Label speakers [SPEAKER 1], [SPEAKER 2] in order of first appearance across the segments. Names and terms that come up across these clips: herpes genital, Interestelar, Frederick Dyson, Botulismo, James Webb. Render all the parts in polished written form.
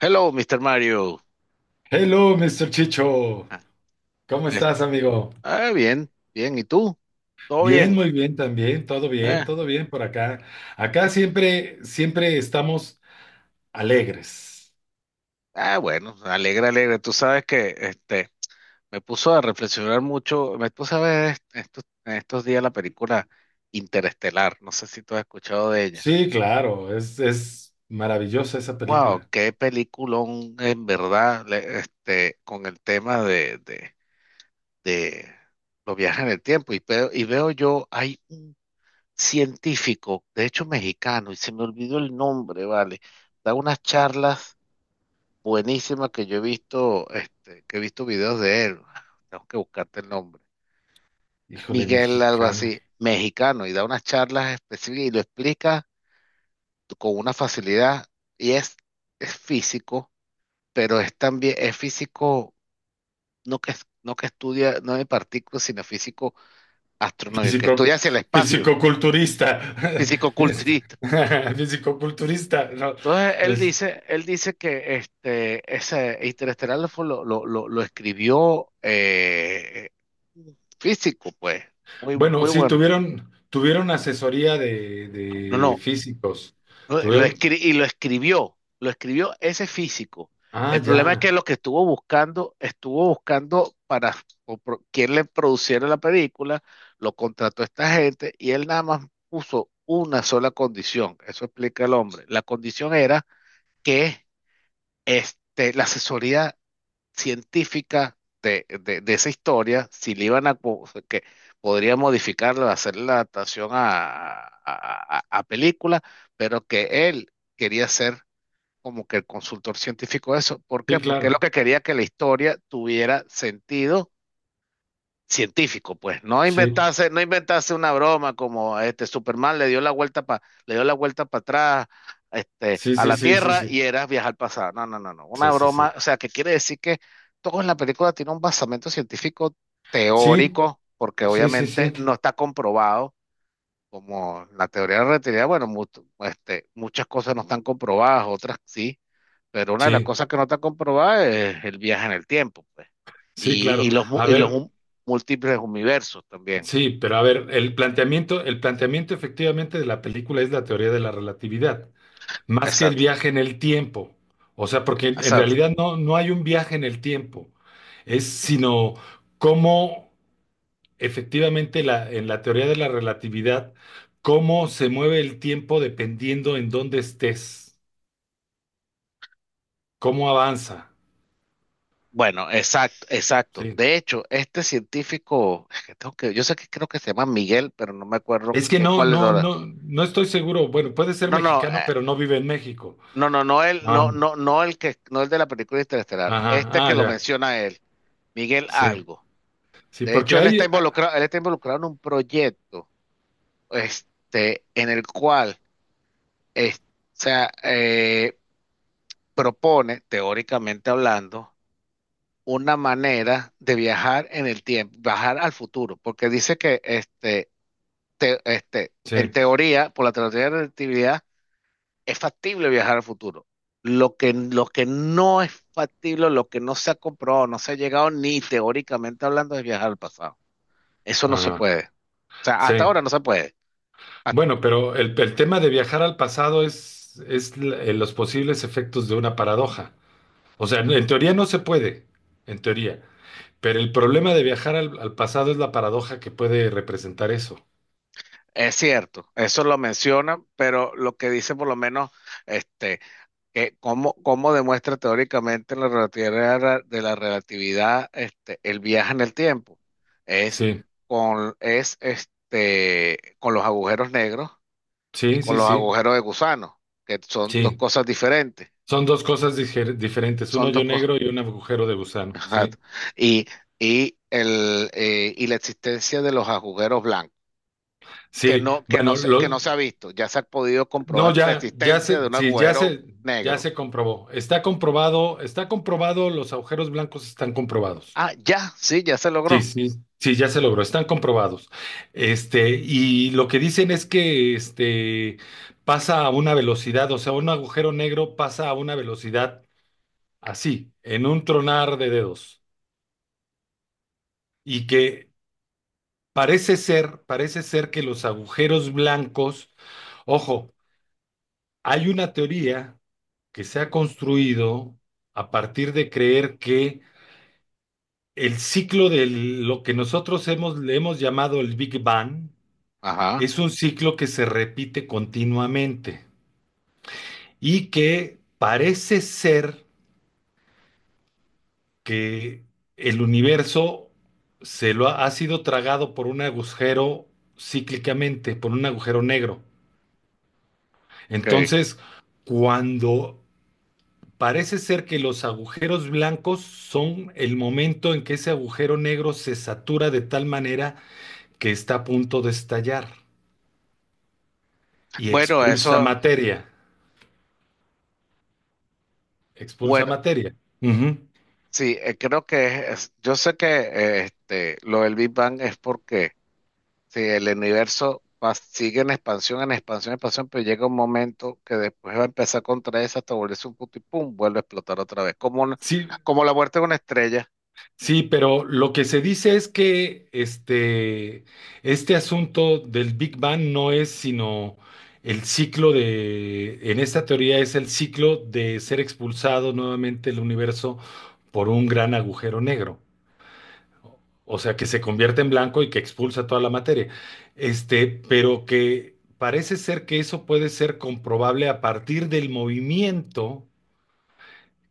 [SPEAKER 1] Hello, Mr. Mario.
[SPEAKER 2] Hello, Mr. Chicho.
[SPEAKER 1] Ah,
[SPEAKER 2] ¿Cómo estás,
[SPEAKER 1] est-
[SPEAKER 2] amigo?
[SPEAKER 1] bien, bien. ¿Y tú? ¿Todo
[SPEAKER 2] Bien,
[SPEAKER 1] bien?
[SPEAKER 2] muy bien también.
[SPEAKER 1] Ah,
[SPEAKER 2] Todo bien por acá. Acá
[SPEAKER 1] ¿Qué tal?
[SPEAKER 2] siempre, siempre estamos alegres.
[SPEAKER 1] Ah, bueno, alegre, alegre. Tú sabes que me puso a reflexionar mucho. Me puse a ver estos días la película Interestelar. No sé si tú has escuchado de ella.
[SPEAKER 2] Sí, claro, es maravillosa esa
[SPEAKER 1] Wow,
[SPEAKER 2] película.
[SPEAKER 1] qué peliculón en verdad, con el tema de los viajes en el tiempo. Y veo yo, hay un científico, de hecho mexicano, y se me olvidó el nombre, vale. Da unas charlas buenísimas que yo he visto, que he visto videos de él. Tengo que buscarte el nombre.
[SPEAKER 2] Híjole,
[SPEAKER 1] Miguel, algo
[SPEAKER 2] mexicano.
[SPEAKER 1] así, mexicano, y da unas charlas específicas y lo explica con una facilidad. Y es, es físico, pero es también, es físico, no que, no que estudia, no de partículas, sino físico astronómico, que
[SPEAKER 2] Físico,
[SPEAKER 1] estudia hacia el espacio,
[SPEAKER 2] fisicoculturista.
[SPEAKER 1] físico
[SPEAKER 2] Este, Fisicoculturista. No,
[SPEAKER 1] entonces él
[SPEAKER 2] es-
[SPEAKER 1] dice, él dice que ese Interestelar fue lo escribió físico, pues, muy,
[SPEAKER 2] bueno,
[SPEAKER 1] muy
[SPEAKER 2] sí,
[SPEAKER 1] bueno.
[SPEAKER 2] tuvieron asesoría de,
[SPEAKER 1] No,
[SPEAKER 2] de
[SPEAKER 1] no,
[SPEAKER 2] físicos.
[SPEAKER 1] no,
[SPEAKER 2] Tuvieron.
[SPEAKER 1] lo escribió ese físico.
[SPEAKER 2] Ah,
[SPEAKER 1] El problema es que
[SPEAKER 2] ya.
[SPEAKER 1] lo que estuvo buscando para quien le produciera la película, lo contrató esta gente y él nada más puso una sola condición, eso explica el hombre. La condición era que la asesoría científica de esa historia, si le iban a, co- que podría modificarla, hacer la adaptación a película, pero que él quería ser como que el consultor científico de eso. ¿Por
[SPEAKER 2] Sí,
[SPEAKER 1] qué? Porque él lo
[SPEAKER 2] claro.
[SPEAKER 1] que quería que la historia tuviera sentido científico, pues,
[SPEAKER 2] Sí.
[SPEAKER 1] no inventarse una broma como este Superman le dio le dio la vuelta para atrás,
[SPEAKER 2] Sí,
[SPEAKER 1] a
[SPEAKER 2] sí,
[SPEAKER 1] la
[SPEAKER 2] sí, sí,
[SPEAKER 1] Tierra
[SPEAKER 2] sí,
[SPEAKER 1] y era viajar al pasado. No, no, no, no. Una
[SPEAKER 2] sí, sí,
[SPEAKER 1] broma,
[SPEAKER 2] sí.
[SPEAKER 1] o sea, que quiere decir que todo en la película tiene un basamento científico
[SPEAKER 2] Sí,
[SPEAKER 1] teórico, porque
[SPEAKER 2] sí, sí,
[SPEAKER 1] obviamente
[SPEAKER 2] sí,
[SPEAKER 1] no está comprobado, como la teoría de la relatividad, bueno, muchas cosas no están comprobadas, otras sí, pero una de las
[SPEAKER 2] sí,
[SPEAKER 1] cosas que no está comprobada es el viaje en el tiempo, pues.
[SPEAKER 2] sí,
[SPEAKER 1] Y,
[SPEAKER 2] claro.
[SPEAKER 1] y los, mu-
[SPEAKER 2] A
[SPEAKER 1] y los
[SPEAKER 2] ver,
[SPEAKER 1] múltiples universos también.
[SPEAKER 2] sí, pero a ver, el planteamiento efectivamente de la película es la teoría de la relatividad, más que el
[SPEAKER 1] Exacto,
[SPEAKER 2] viaje en el tiempo. O sea, porque en
[SPEAKER 1] exacto.
[SPEAKER 2] realidad no hay un viaje en el tiempo, es sino cómo efectivamente en la teoría de la relatividad, cómo se mueve el tiempo dependiendo en dónde estés, cómo avanza.
[SPEAKER 1] Bueno, exacto, exacto.
[SPEAKER 2] Sí.
[SPEAKER 1] De hecho, este científico, es que tengo que, yo sé que creo que se llama Miguel, pero no me acuerdo
[SPEAKER 2] Es que no,
[SPEAKER 1] cuál es
[SPEAKER 2] no,
[SPEAKER 1] ahora.
[SPEAKER 2] no, no estoy seguro. Bueno, puede ser
[SPEAKER 1] No, no,
[SPEAKER 2] mexicano, pero no vive en México.
[SPEAKER 1] no, no, no el,
[SPEAKER 2] Ah,
[SPEAKER 1] no, no, no el que, no el de la película Interestelar.
[SPEAKER 2] ajá,
[SPEAKER 1] Este que
[SPEAKER 2] ah,
[SPEAKER 1] lo
[SPEAKER 2] ya.
[SPEAKER 1] menciona él, Miguel
[SPEAKER 2] Sí,
[SPEAKER 1] algo.
[SPEAKER 2] sí,
[SPEAKER 1] De
[SPEAKER 2] porque
[SPEAKER 1] hecho,
[SPEAKER 2] hay.
[SPEAKER 1] él está involucrado en un proyecto, en el cual o sea, propone, teóricamente hablando, una manera de viajar en el tiempo, viajar al futuro, porque dice que en
[SPEAKER 2] Sí,
[SPEAKER 1] teoría, por la teoría de la relatividad, es factible viajar al futuro. Lo que no es factible, lo que no se ha comprobado, no se ha llegado ni teóricamente hablando, es viajar al pasado. Eso no se
[SPEAKER 2] ajá,
[SPEAKER 1] puede. O sea,
[SPEAKER 2] sí.
[SPEAKER 1] hasta ahora no se puede. Ah,
[SPEAKER 2] Bueno, pero el tema de viajar al pasado es los posibles efectos de una paradoja. O sea, en teoría no se puede, en teoría. Pero el problema de viajar al pasado es la paradoja que puede representar eso.
[SPEAKER 1] es cierto, eso lo menciona, pero lo que dice por lo menos, este, que cómo demuestra teóricamente la relatividad el viaje en el tiempo. Es
[SPEAKER 2] Sí,
[SPEAKER 1] es con los agujeros negros y
[SPEAKER 2] sí,
[SPEAKER 1] con
[SPEAKER 2] sí,
[SPEAKER 1] los
[SPEAKER 2] sí,
[SPEAKER 1] agujeros de gusano, que son dos
[SPEAKER 2] sí.
[SPEAKER 1] cosas diferentes.
[SPEAKER 2] Son dos cosas diferentes, un
[SPEAKER 1] Son dos
[SPEAKER 2] hoyo
[SPEAKER 1] cosas.
[SPEAKER 2] negro y un agujero de gusano, sí.
[SPEAKER 1] Exacto. Y, y la existencia de los agujeros blancos,
[SPEAKER 2] Sí, bueno,
[SPEAKER 1] que no se ha visto. Ya se ha podido
[SPEAKER 2] no,
[SPEAKER 1] comprobar la existencia de un
[SPEAKER 2] sí,
[SPEAKER 1] agujero
[SPEAKER 2] ya
[SPEAKER 1] negro.
[SPEAKER 2] se comprobó. Está comprobado, los agujeros blancos están comprobados.
[SPEAKER 1] Ah, ya, sí, ya se
[SPEAKER 2] Sí,
[SPEAKER 1] logró.
[SPEAKER 2] sí, sí, ya se
[SPEAKER 1] Ah.
[SPEAKER 2] logró, están comprobados. Y lo que dicen es que pasa a una velocidad, o sea, un agujero negro pasa a una velocidad así, en un tronar de dedos. Y que parece ser que los agujeros blancos, ojo, hay una teoría que se ha construido a partir de creer que el ciclo de lo que nosotros le hemos llamado el Big Bang
[SPEAKER 1] Ajá,
[SPEAKER 2] es un ciclo que se repite continuamente y que parece ser que el universo ha sido tragado por un agujero cíclicamente, por un agujero negro.
[SPEAKER 1] ok.
[SPEAKER 2] Entonces, cuando parece ser que los agujeros blancos son el momento en que ese agujero negro se satura de tal manera que está a punto de estallar y
[SPEAKER 1] Bueno,
[SPEAKER 2] expulsa
[SPEAKER 1] eso,
[SPEAKER 2] materia. Expulsa
[SPEAKER 1] bueno,
[SPEAKER 2] materia. Ujú.
[SPEAKER 1] sí, creo que yo sé que lo del Big Bang es porque si el universo sigue en expansión, pero llega un momento que después va a empezar a contraerse hasta volverse un punto y pum, vuelve a explotar otra vez,
[SPEAKER 2] Sí,
[SPEAKER 1] como la muerte de una estrella,
[SPEAKER 2] sí, pero lo que se dice es que este asunto del Big Bang no es sino el ciclo en esta teoría es el ciclo de ser expulsado nuevamente el universo por un gran agujero negro. O sea, que se convierte en blanco y que expulsa toda la materia. Pero que parece ser que eso puede ser comprobable a partir del movimiento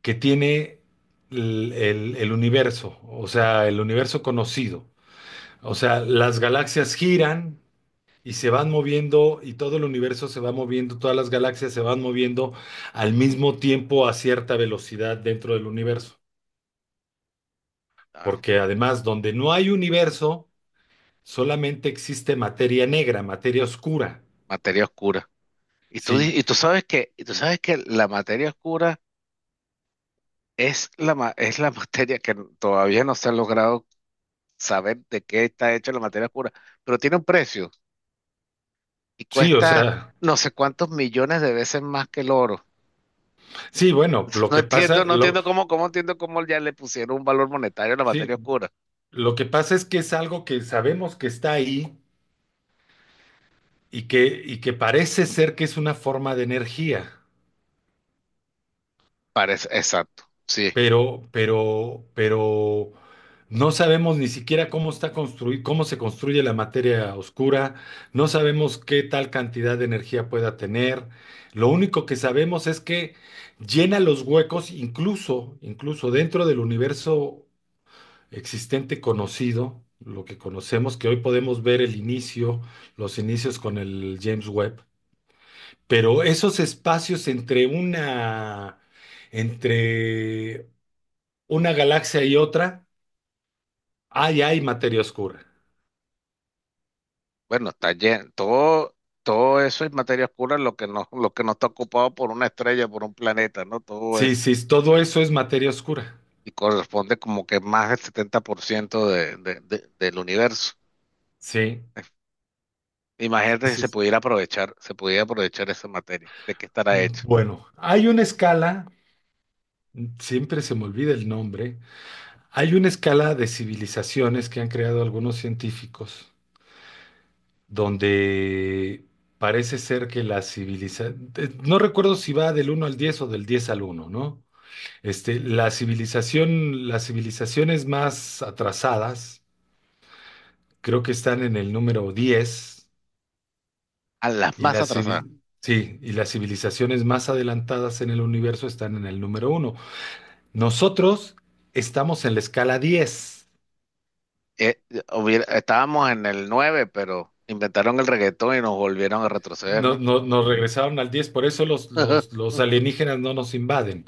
[SPEAKER 2] que tiene el universo, o sea, el universo conocido. O sea, las galaxias giran y se van moviendo y todo el universo se va moviendo, todas las galaxias se van moviendo al mismo tiempo a cierta velocidad dentro del universo.
[SPEAKER 1] claro,
[SPEAKER 2] Porque además, donde no hay universo, solamente existe materia negra, materia oscura.
[SPEAKER 1] materia oscura. Y tú,
[SPEAKER 2] Sí,
[SPEAKER 1] di- y tú sabes que, y tú sabes que la materia oscura es es la materia que todavía no se ha logrado saber de qué está hecha la materia oscura, pero tiene un precio. Y
[SPEAKER 2] sí, o
[SPEAKER 1] cuesta
[SPEAKER 2] sea,
[SPEAKER 1] no sé cuántos millones de veces más que el oro.
[SPEAKER 2] sí, bueno, lo que pasa,
[SPEAKER 1] No
[SPEAKER 2] lo,
[SPEAKER 1] entiendo cómo ya le pusieron un valor monetario a la materia
[SPEAKER 2] sí,
[SPEAKER 1] oscura.
[SPEAKER 2] lo que pasa es que es algo que sabemos que está ahí y que parece ser que es una forma de energía.
[SPEAKER 1] Parece, exacto, sí.
[SPEAKER 2] Pero no sabemos ni siquiera cómo está construido, cómo se construye la materia oscura, no sabemos qué tal cantidad de energía pueda tener. Lo único que sabemos es que llena los huecos, incluso dentro del universo existente conocido, lo que conocemos, que hoy podemos ver el inicio, los inicios con el James Webb. Pero esos espacios entre una galaxia y otra, ahí hay materia oscura.
[SPEAKER 1] Bueno, está lleno, todo, todo eso es materia oscura, lo que no está ocupado por una estrella, por un planeta, ¿no? Todo
[SPEAKER 2] Sí,
[SPEAKER 1] eso.
[SPEAKER 2] sí, todo eso es materia oscura.
[SPEAKER 1] Y corresponde como que más del 70% del universo.
[SPEAKER 2] Sí, sí,
[SPEAKER 1] Imagínate si
[SPEAKER 2] sí, sí.
[SPEAKER 1] se pudiera aprovechar esa materia, ¿de qué estará hecha?
[SPEAKER 2] Bueno, hay una escala, siempre se me olvida el nombre, hay una escala de civilizaciones que han creado algunos científicos, donde parece ser que la civilización, no recuerdo si va del uno al 10 o del 10 al uno, ¿no? Las civilizaciones más atrasadas, creo que están en el número 10.
[SPEAKER 1] A las más atrasadas.
[SPEAKER 2] Sí, y las civilizaciones más adelantadas en el universo están en el número uno. Nosotros estamos en la escala 10.
[SPEAKER 1] eh, estábamos en el 9 pero inventaron el reggaetón y nos volvieron a retroceder,
[SPEAKER 2] No-
[SPEAKER 1] ¿no?
[SPEAKER 2] no- nos regresaron al 10 por eso los alienígenas no nos invaden.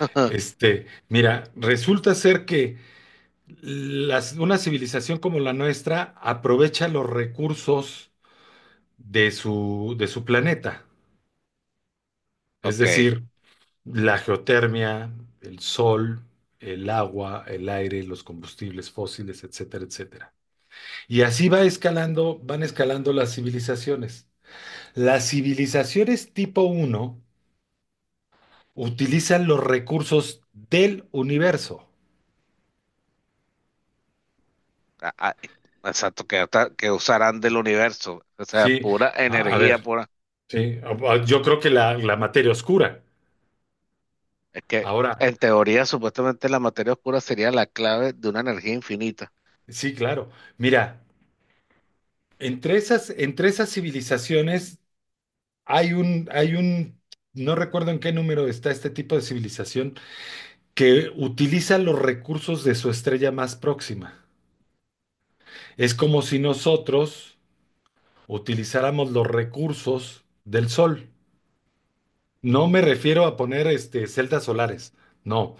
[SPEAKER 2] Mira, resulta ser que una civilización como la nuestra aprovecha los recursos de su planeta. Es
[SPEAKER 1] Ok,
[SPEAKER 2] decir, la geotermia, el sol, el agua, el aire, los combustibles fósiles, etcétera, etcétera. Y así van escalando las civilizaciones. Las civilizaciones tipo uno utilizan los recursos del universo.
[SPEAKER 1] a- a- exacto, que, que usarán del universo, o sea,
[SPEAKER 2] Sí,
[SPEAKER 1] pura
[SPEAKER 2] a
[SPEAKER 1] energía,
[SPEAKER 2] ver,
[SPEAKER 1] pura.
[SPEAKER 2] sí, yo creo que la materia oscura.
[SPEAKER 1] Es que
[SPEAKER 2] Ahora,
[SPEAKER 1] en teoría, supuestamente la materia oscura sería la clave de una energía infinita.
[SPEAKER 2] sí, claro. Mira, entre esas civilizaciones hay un, hay un, no recuerdo en qué número está este tipo de civilización que utiliza los recursos de su estrella más próxima. Es como si nosotros utilizáramos los recursos del Sol. No me refiero a poner celdas solares, no.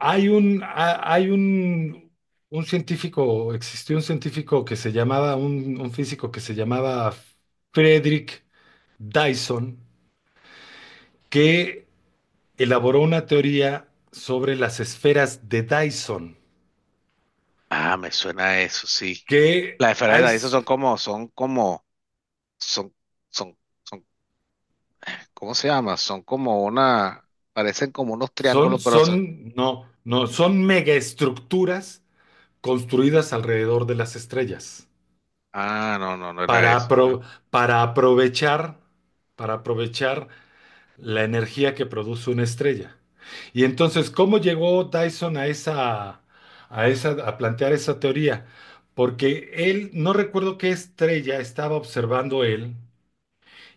[SPEAKER 2] Hay un, ha- hay un científico, Existió un científico que se llamaba, un físico que se llamaba Frederick Dyson, que elaboró una teoría sobre las esferas de Dyson,
[SPEAKER 1] Ah, me suena a eso, sí.
[SPEAKER 2] que
[SPEAKER 1] Las esferas
[SPEAKER 2] hay,
[SPEAKER 1] de Dyson son como, son como, son, son, son, ¿cómo se llama? Son como una, parecen como unos
[SPEAKER 2] son,
[SPEAKER 1] triángulos, pero son.
[SPEAKER 2] son, no, no, son megaestructuras construidas alrededor de las estrellas
[SPEAKER 1] Ah, no, no, no era
[SPEAKER 2] para,
[SPEAKER 1] eso, ¿no?
[SPEAKER 2] apro- para aprovechar, para aprovechar la energía que produce una estrella. Y entonces, ¿cómo llegó Dyson a plantear esa teoría? Porque él, no recuerdo qué estrella estaba observando él,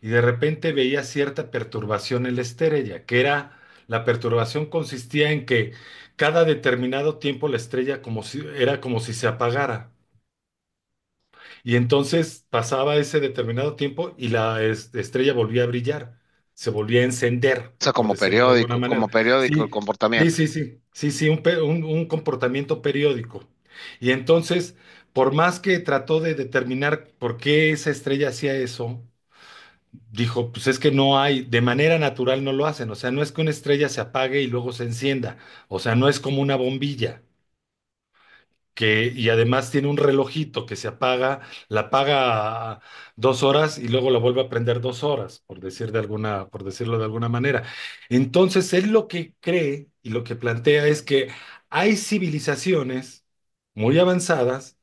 [SPEAKER 2] y de repente veía cierta perturbación en la estrella, la perturbación consistía en que cada determinado tiempo la estrella como si, era como si se apagara. Y entonces pasaba ese determinado tiempo y la estrella volvía a brillar, se volvía a encender,
[SPEAKER 1] O sea,
[SPEAKER 2] por decirlo de alguna manera.
[SPEAKER 1] como periódico el
[SPEAKER 2] Sí, sí,
[SPEAKER 1] comportamiento.
[SPEAKER 2] sí, sí, sí, sí, un comportamiento periódico. Y entonces, por más que trató de determinar por qué esa estrella hacía eso, dijo, pues es que no hay, de manera natural no lo hacen, o sea, no es que una estrella se apague y luego se encienda, o sea, no es como una bombilla, y además tiene un relojito que se apaga, la apaga 2 horas y luego la vuelve a prender 2 horas, por decirlo de alguna manera. Entonces, él lo que cree y lo que plantea es que hay civilizaciones muy avanzadas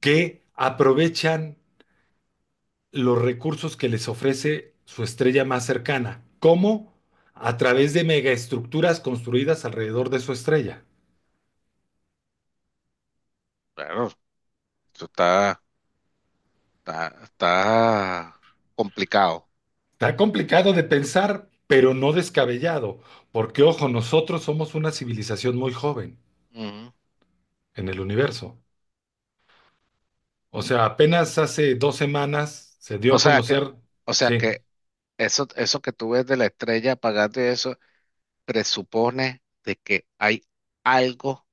[SPEAKER 2] que aprovechan los recursos que les ofrece su estrella más cercana. ¿Cómo? A través de megaestructuras construidas alrededor de su estrella.
[SPEAKER 1] Claro, eso está complicado.
[SPEAKER 2] Está complicado de pensar, pero no descabellado, porque ojo, nosotros somos una civilización muy joven
[SPEAKER 1] Ujú.
[SPEAKER 2] en el universo. O sea, apenas hace 2 semanas se dio
[SPEAKER 1] O
[SPEAKER 2] a
[SPEAKER 1] sea que,
[SPEAKER 2] conocer,
[SPEAKER 1] o sea
[SPEAKER 2] sí,
[SPEAKER 1] que eso que tú ves de la estrella apagando y eso presupone de que hay algo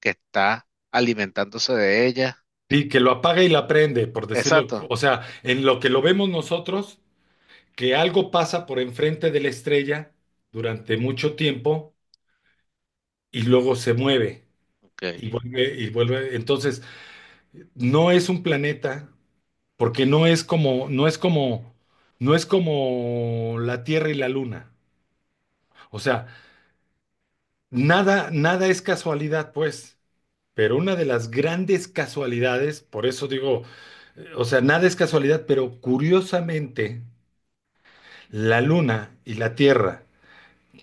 [SPEAKER 1] que está alimentándose de ella.
[SPEAKER 2] sí, que lo apaga y la prende, por decirlo,
[SPEAKER 1] Exacto.
[SPEAKER 2] o sea, en lo que lo vemos nosotros, que algo pasa por enfrente de la estrella durante mucho tiempo y luego se mueve
[SPEAKER 1] Ok.
[SPEAKER 2] y vuelve y vuelve. Entonces, no es un planeta porque no es como la Tierra y la Luna. O sea, nada, nada es casualidad, pues. Pero una de las grandes casualidades, por eso digo, o sea, nada es casualidad, pero curiosamente, la Luna y la Tierra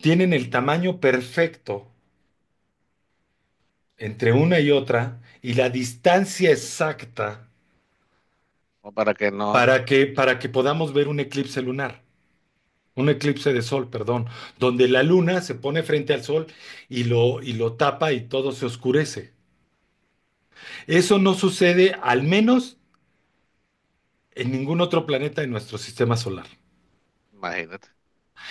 [SPEAKER 2] tienen el tamaño perfecto entre una y otra y la distancia exacta
[SPEAKER 1] O para que no,
[SPEAKER 2] para que podamos ver un eclipse lunar, un eclipse de sol, perdón, donde la luna se pone frente al sol y lo tapa y todo se oscurece. Eso no sucede al menos en ningún otro planeta de nuestro sistema solar.
[SPEAKER 1] imagínate.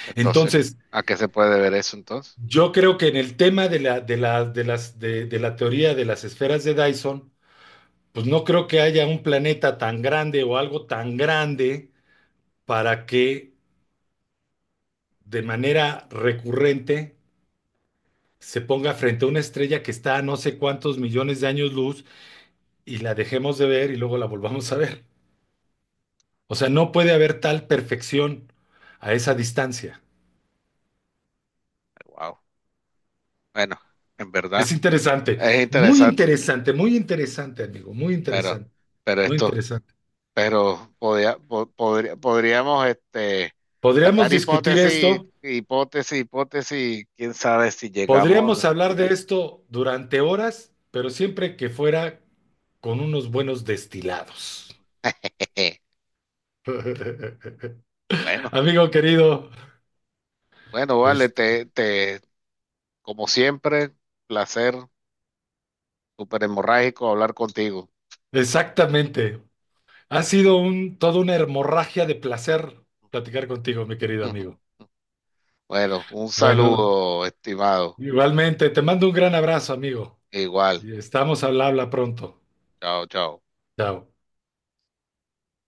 [SPEAKER 1] Entonces,
[SPEAKER 2] Entonces,
[SPEAKER 1] ¿a qué se puede ver eso entonces?
[SPEAKER 2] yo creo que en el tema de la, de la, de las, de la teoría de las esferas de Dyson, pues no creo que haya un planeta tan grande o algo tan grande para que de manera recurrente se ponga frente a una estrella que está a no sé cuántos millones de años luz y la dejemos de ver y luego la volvamos a ver. O sea, no puede haber tal perfección a esa distancia.
[SPEAKER 1] Wow. Bueno, en verdad
[SPEAKER 2] Es interesante,
[SPEAKER 1] es
[SPEAKER 2] muy
[SPEAKER 1] interesante,
[SPEAKER 2] interesante, muy interesante, amigo, muy
[SPEAKER 1] pero,
[SPEAKER 2] interesante,
[SPEAKER 1] pero
[SPEAKER 2] muy
[SPEAKER 1] esto
[SPEAKER 2] interesante.
[SPEAKER 1] pero podríamos
[SPEAKER 2] Podríamos
[SPEAKER 1] sacar
[SPEAKER 2] discutir
[SPEAKER 1] hipótesis,
[SPEAKER 2] esto,
[SPEAKER 1] hipótesis, hipótesis, quién sabe si
[SPEAKER 2] podríamos
[SPEAKER 1] llegamos.
[SPEAKER 2] hablar de esto durante horas, pero siempre que fuera con unos buenos destilados.
[SPEAKER 1] Bueno,
[SPEAKER 2] Amigo querido,
[SPEAKER 1] bueno, vale,
[SPEAKER 2] este,
[SPEAKER 1] te, como siempre, placer, súper hemorrágico hablar contigo.
[SPEAKER 2] exactamente. Ha sido toda una hemorragia de placer platicar contigo, mi querido amigo.
[SPEAKER 1] Bueno, un
[SPEAKER 2] Bueno,
[SPEAKER 1] saludo, estimado.
[SPEAKER 2] igualmente, te mando un gran abrazo, amigo.
[SPEAKER 1] Igual,
[SPEAKER 2] Y estamos al habla pronto.
[SPEAKER 1] chao, chao.
[SPEAKER 2] Chao.